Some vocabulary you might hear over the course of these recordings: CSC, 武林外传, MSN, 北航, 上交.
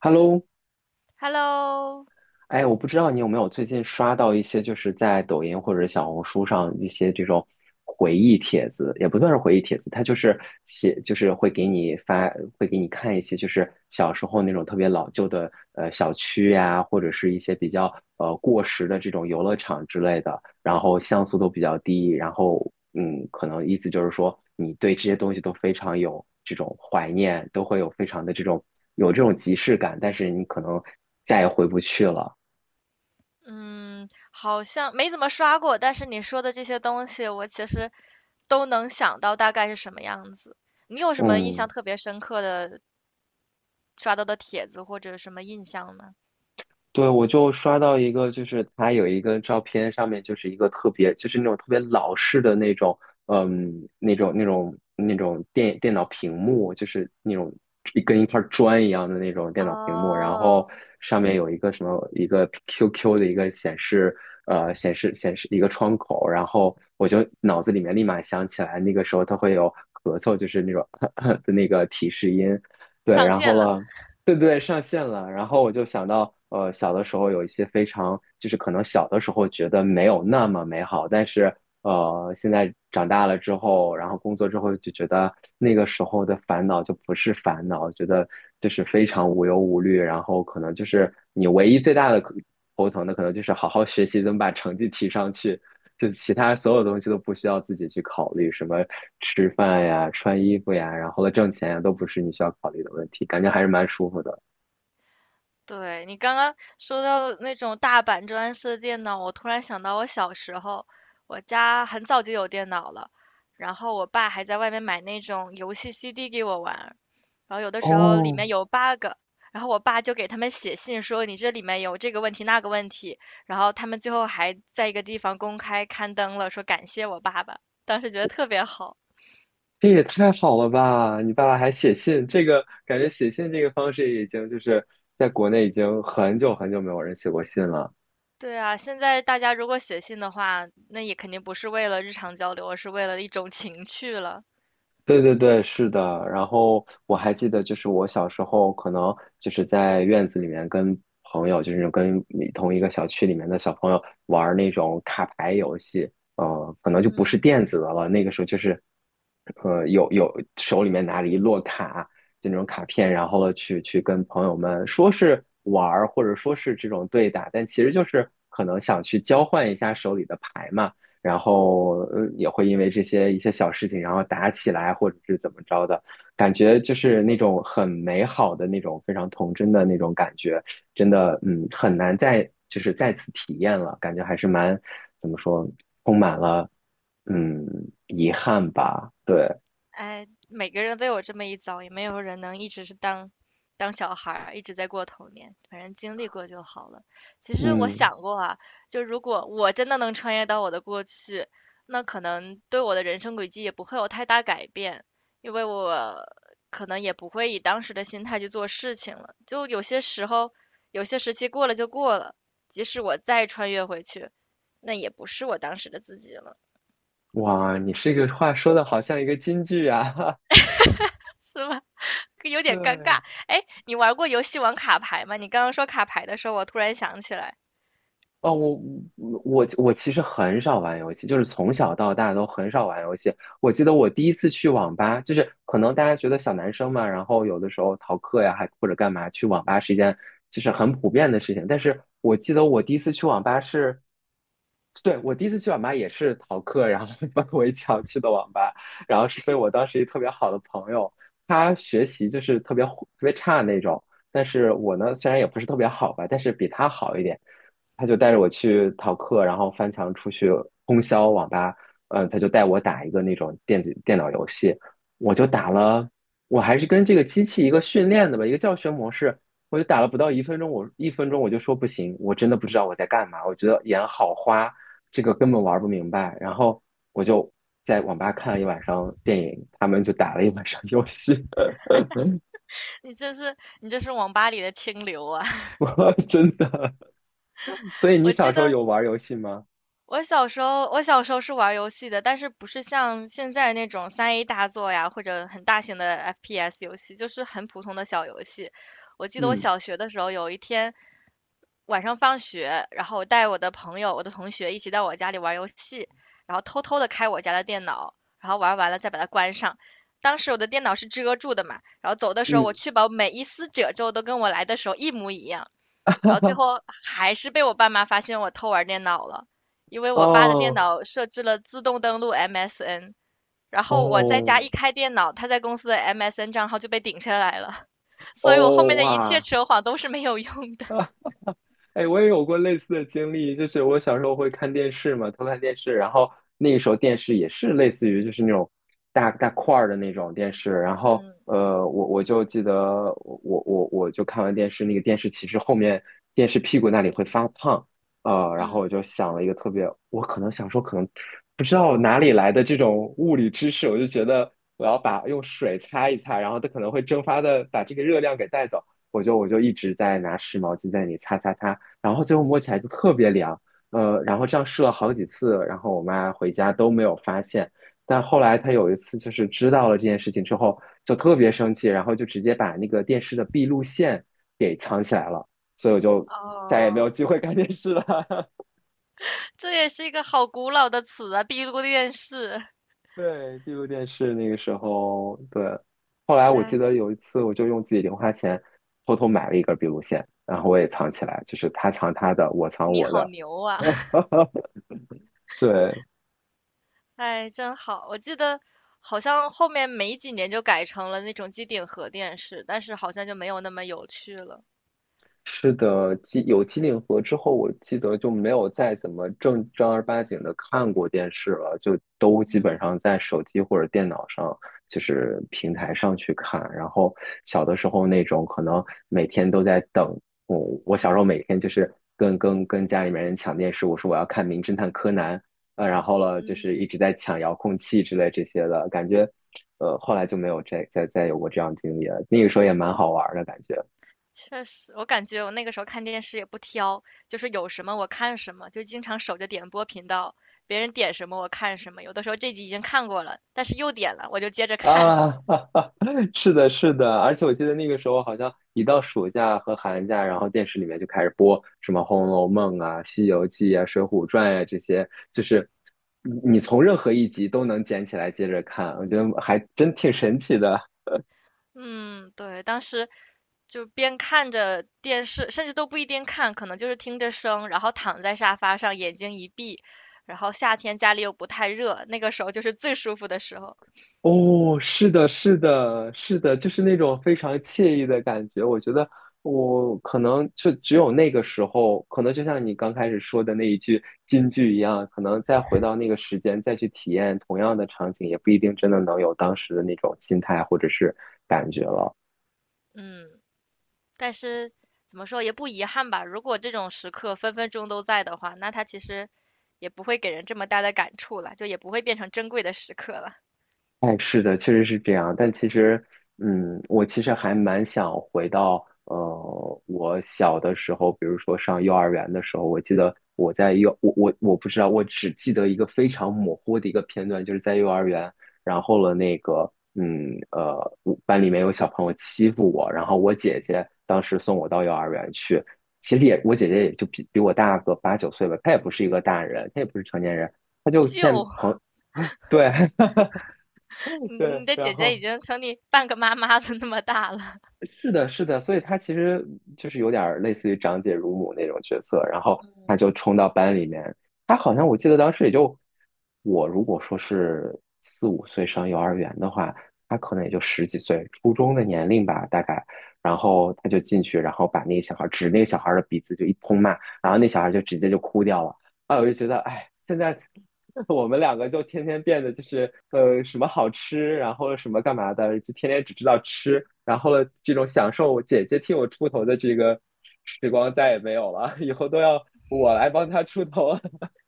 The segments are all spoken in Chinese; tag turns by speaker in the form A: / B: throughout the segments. A: Hello,
B: Hello，
A: 哎，我不知道你有没有最近刷到一些，就是在抖音或者小红书上一些这种回忆帖子，也不算是回忆帖子，它就是写，就是会给你发，会给你看一些，就是小时候那种特别老旧的小区呀、或者是一些比较过时的这种游乐场之类的，然后像素都比较低，然后嗯，可能意思就是说你对这些东西都非常有这种怀念，都会有非常的这种有这种即视感，但是你可能再也回不去了。
B: 嗯，好像没怎么刷过，但是你说的这些东西，我其实都能想到大概是什么样子。你有什么印
A: 嗯，
B: 象特别深刻的刷到的帖子或者什么印象呢？
A: 对，我就刷到一个，就是他有一个照片，上面就是一个特别，就是那种特别老式的那种，嗯，那种电脑屏幕，就是那种一跟一块砖一样的那种电脑屏幕，然后
B: 哦，
A: 上面有一个什么一个 QQ 的一个显示，显示一个窗口，然后我就脑子里面立马想起来，那个时候它会有咳嗽，就是那种 的那个提示音。对，
B: 上
A: 然后
B: 线了。
A: 了，对对对，上线了。然后我就想到，小的时候有一些非常，就是可能小的时候觉得没有那么美好，但是现在长大了之后，然后工作之后就觉得那个时候的烦恼就不是烦恼，觉得就是非常无忧无虑。然后可能就是你唯一最大的头疼的，可能就是好好学习，怎么把成绩提上去。就其他所有东西都不需要自己去考虑，什么吃饭呀、穿衣服呀，然后了挣钱呀，都不是你需要考虑的问题，感觉还是蛮舒服的。
B: 对，你刚刚说到那种大板砖式的电脑，我突然想到我小时候，我家很早就有电脑了，然后我爸还在外面买那种游戏 CD 给我玩，然后有的时候里
A: 哦，
B: 面有 bug，然后我爸就给他们写信说你这里面有这个问题那个问题，然后他们最后还在一个地方公开刊登了，说感谢我爸爸，当时觉得特别好。
A: 这也太好了吧！你爸爸还写信，这个感觉写信这个方式已经就是在国内已经很久很久没有人写过信了。
B: 对啊，现在大家如果写信的话，那也肯定不是为了日常交流，而是为了一种情趣了。
A: 对对对，是的。然后我还记得，就是我小时候可能就是在院子里面跟朋友，就是跟你同一个小区里面的小朋友玩儿那种卡牌游戏。可能就不是
B: 嗯。
A: 电子的了，那个时候就是，呃，有手里面拿着一摞卡，就那种卡片，然后了去跟朋友们说是玩儿，或者说是这种对打，但其实就是可能想去交换一下手里的牌嘛。然后也会因为这些一些小事情，然后打起来或者是怎么着的，感觉就是那种很美好的那种非常童真的那种感觉，真的嗯很难再就是再次体验了，感觉还是蛮怎么说，充满了嗯遗憾吧，对，
B: 哎，每个人都有这么一遭，也没有人能一直是当小孩儿，一直在过童年。反正经历过就好了。其实我
A: 嗯，
B: 想过啊，就如果我真的能穿越到我的过去，那可能对我的人生轨迹也不会有太大改变，因为我可能也不会以当时的心态去做事情了。就有些时候，有些时期过了就过了，即使我再穿越回去，那也不是我当时的自己了，
A: 哇，你这个话说的好像一个金句啊，
B: 是吧？有 点尴尬。
A: 对。
B: 哎，你玩过游戏玩卡牌吗？你刚刚说卡牌的时候，我突然想起来，
A: 哦，我其实很少玩游戏，就是从小到大都很少玩游戏。我记得我第一次去网吧，就是可能大家觉得小男生嘛，然后有的时候逃课呀，还或者干嘛，去网吧是一件就是很普遍的事情。但是我记得我第一次去网吧是对，我第一次去网吧也是逃课，然后 翻围墙去的网吧，然后是被我当时一特别好的朋友，他学习就是特别差的那种，但是我呢虽然也不是特别好吧，但是比他好一点，他就带着我去逃课，然后翻墙出去通宵网吧，他就带我打一个那种电脑游戏，我就打了，我还是跟这个机器一个训练的吧，一个教学模式。我就打了不到一分钟，我一分钟我就说不行，我真的不知道我在干嘛，我觉得眼好花，这个根本玩不明白。然后我就在网吧看了一晚上电影，他们就打了一晚上游戏，
B: 你这是你这是网吧里的清流啊！
A: 我真的。所以你
B: 我
A: 小
B: 记
A: 时候
B: 得
A: 有玩游戏吗？
B: 我小时候是玩游戏的，但是不是像现在那种3A 大作呀，或者很大型的 FPS 游戏，就是很普通的小游戏。我记得我
A: 嗯
B: 小学的时候，有一天晚上放学，然后我带我的朋友、我的同学一起到我家里玩游戏，然后偷偷的开我家的电脑，然后玩完了再把它关上。当时我的电脑是遮住的嘛，然后走的时候，我
A: 嗯，
B: 确保每一丝褶皱都跟我来的时候一模一样，然后最 后还是被我爸妈发现我偷玩电脑了，因为我爸的电
A: 哦
B: 脑设置了自动登录 MSN，然后我在家
A: 哦
B: 一开电脑，他在公司的 MSN 账号就被顶下来了，所以我后
A: 哦
B: 面的一切
A: 哇！
B: 扯谎都是没有用的。
A: 哎，我也有过类似的经历，就是我小时候会看电视嘛，偷看电视，然后那个时候电视也是类似于就是那种大大块儿的那种电视，然后
B: 嗯
A: 我就记得我就看完电视，那个电视其实后面电视屁股那里会发烫，然后
B: 嗯。
A: 我就想了一个特别，我可能想说可能不知道哪里来的这种物理知识，我就觉得我要把用水擦一擦，然后它可能会蒸发的把这个热量给带走。我就一直在拿湿毛巾在那里擦擦擦，然后最后摸起来就特别凉，然后这样试了好几次，然后我妈回家都没有发现，但后来她有一次就是知道了这件事情之后，就特别生气，然后就直接把那个电视的闭路线给藏起来了，所以我就再也没有
B: 哦，
A: 机会看电视了。
B: 这也是一个好古老的词啊，帝国电视。
A: 对，闭路电视那个时候，对，后来我记
B: 哎，
A: 得有一次，我就用自己零花钱偷偷买了一根闭路线，然后我也藏起来，就是他藏他的，我藏
B: 你
A: 我
B: 好
A: 的。
B: 牛啊！
A: 对，
B: 哎，真好。我记得好像后面没几年就改成了那种机顶盒电视，但是好像就没有那么有趣了。
A: 是的，有机顶盒之后，我记得就没有再怎么正正儿八经的看过电视了，就都基本
B: 嗯
A: 上在手机或者电脑上，就是平台上去看。然后小的时候那种可能每天都在等，我我小时候每天就是跟家里面人抢电视，我说我要看《名侦探柯南》，然后了就
B: 嗯，
A: 是一直在抢遥控器之类这些的感觉，后来就没有再有过这样的经历了。那个时候也蛮好玩儿的感觉。
B: 确实，我感觉我那个时候看电视也不挑，就是有什么我看什么，就经常守着点播频道，别人点什么我看什么。有的时候这集已经看过了，但是又点了，我就接着看。
A: 啊，哈哈，是的，是的，而且我记得那个时候好像一到暑假和寒假，然后电视里面就开始播什么《红楼梦》啊、《西游记》啊、《水浒传》呀这些，就是你从任何一集都能捡起来接着看，我觉得还真挺神奇的。
B: 嗯，对，当时就边看着电视，甚至都不一定看，可能就是听着声，然后躺在沙发上，眼睛一闭。然后夏天家里又不太热，那个时候就是最舒服的时候。
A: 哦，是的，是的，是的，就是那种非常惬意的感觉。我觉得我可能就只有那个时候，可能就像你刚开始说的那一句金句一样，可能再回到那个时间再去体验同样的场景，也不一定真的能有当时的那种心态或者是感觉了。
B: 嗯，但是怎么说也不遗憾吧。如果这种时刻分分钟都在的话，那它其实也不会给人这么大的感触了，就也不会变成珍贵的时刻了。
A: 哎，是的，确实是这样。但其实，嗯，我其实还蛮想回到，我小的时候，比如说上幼儿园的时候，我记得我在幼，我不知道，我只记得一个非常模糊的一个片段，就是在幼儿园，然后了那个，嗯，我班里面有小朋友欺负我，然后我姐姐当时送我到幼儿园去，其实也我姐姐也就比我大个八九岁吧，她也不是一个大人，她也不是成年人，她就见
B: 就
A: 朋对，
B: 你
A: 对，
B: 你的
A: 然
B: 姐姐已
A: 后
B: 经成你半个妈妈的那么大了。
A: 是的，是的，所以他其实就是有点儿类似于长姐如母那种角色，然后
B: 嗯
A: 他就冲到班里面，他好像我记得当时也就我如果说是四五岁上幼儿园的话，他可能也就十几岁，初中的年龄吧，大概，然后他就进去，然后把那个小孩儿指那个小孩儿的鼻子就一通骂，然后那小孩儿就直接就哭掉了，啊，我就觉得哎，现在。我们两个就天天变得就是什么好吃，然后什么干嘛的，就天天只知道吃，然后了这种享受姐姐替我出头的这个时光再也没有了，以后都要我来帮她出头。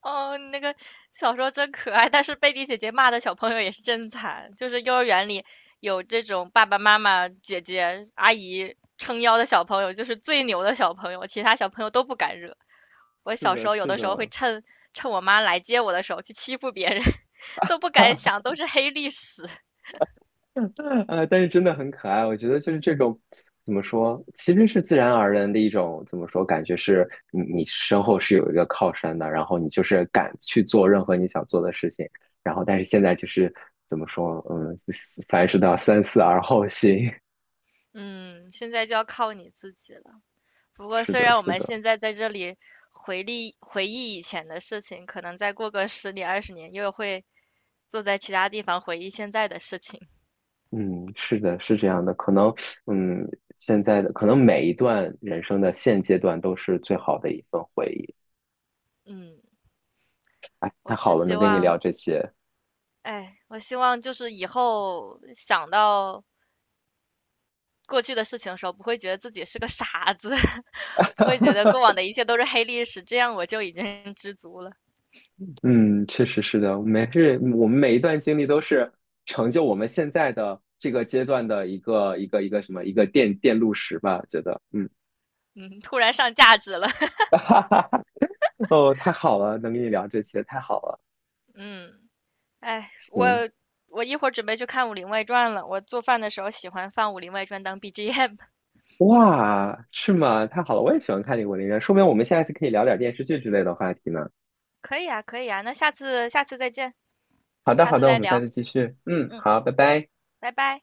B: 哦，你那个小时候真可爱，但是贝蒂姐姐骂的小朋友也是真惨，就是幼儿园里有这种爸爸妈妈、姐姐、阿姨撑腰的小朋友，就是最牛的小朋友，其他小朋友都不敢惹。我
A: 是
B: 小时
A: 的，
B: 候有
A: 是
B: 的时候会
A: 的，
B: 趁我妈来接我的时候去欺负别人，都不敢 想，都是黑历史。
A: 但是真的很可爱，我觉得就是这种怎么说，其实是自然而然的一种怎么说，感觉是你身后是有一个靠山的，然后你就是敢去做任何你想做的事情，然后但是现在就是怎么说，嗯，凡事都要三思而后行。
B: 嗯，现在就要靠你自己了。不过
A: 是
B: 虽
A: 的，
B: 然我
A: 是
B: 们
A: 的，
B: 现在在这里回忆回忆以前的事情，可能再过个10年20年又会。坐在其他地方回忆现在的事情。
A: 嗯，是的，是这样的，可能嗯，现在的可能每一段人生的现阶段都是最好的一份回忆。
B: 嗯，
A: 哎，太
B: 我只
A: 好了，能
B: 希
A: 跟你
B: 望，
A: 聊这些。
B: 哎，我希望就是以后想到过去的事情的时候，不会觉得自己是个傻子，不会觉得 过往的一切都是黑历史，这样我就已经知足了。
A: 嗯，确实是的，每是我们每一段经历都是成就我们现在的这个阶段的一个什么一个电路石吧，觉得嗯
B: 嗯，突然上价值了。
A: 哦，太好了，能跟你聊这些，太好了，
B: 嗯，哎，我
A: 行
B: 我一会儿准备去看《武林外传》了。我做饭的时候喜欢放《武林外传》当 BGM。
A: 哇，是吗？太好了，我也喜欢看这个文艺片，说明我们下一次可以聊点电视剧之类的话题呢。
B: 可以啊，可以啊，那下次下次再见，
A: 好的，
B: 下
A: 好
B: 次
A: 的，我
B: 再
A: 们下
B: 聊。
A: 次继续，嗯，
B: 嗯，
A: 好，拜拜。
B: 拜拜。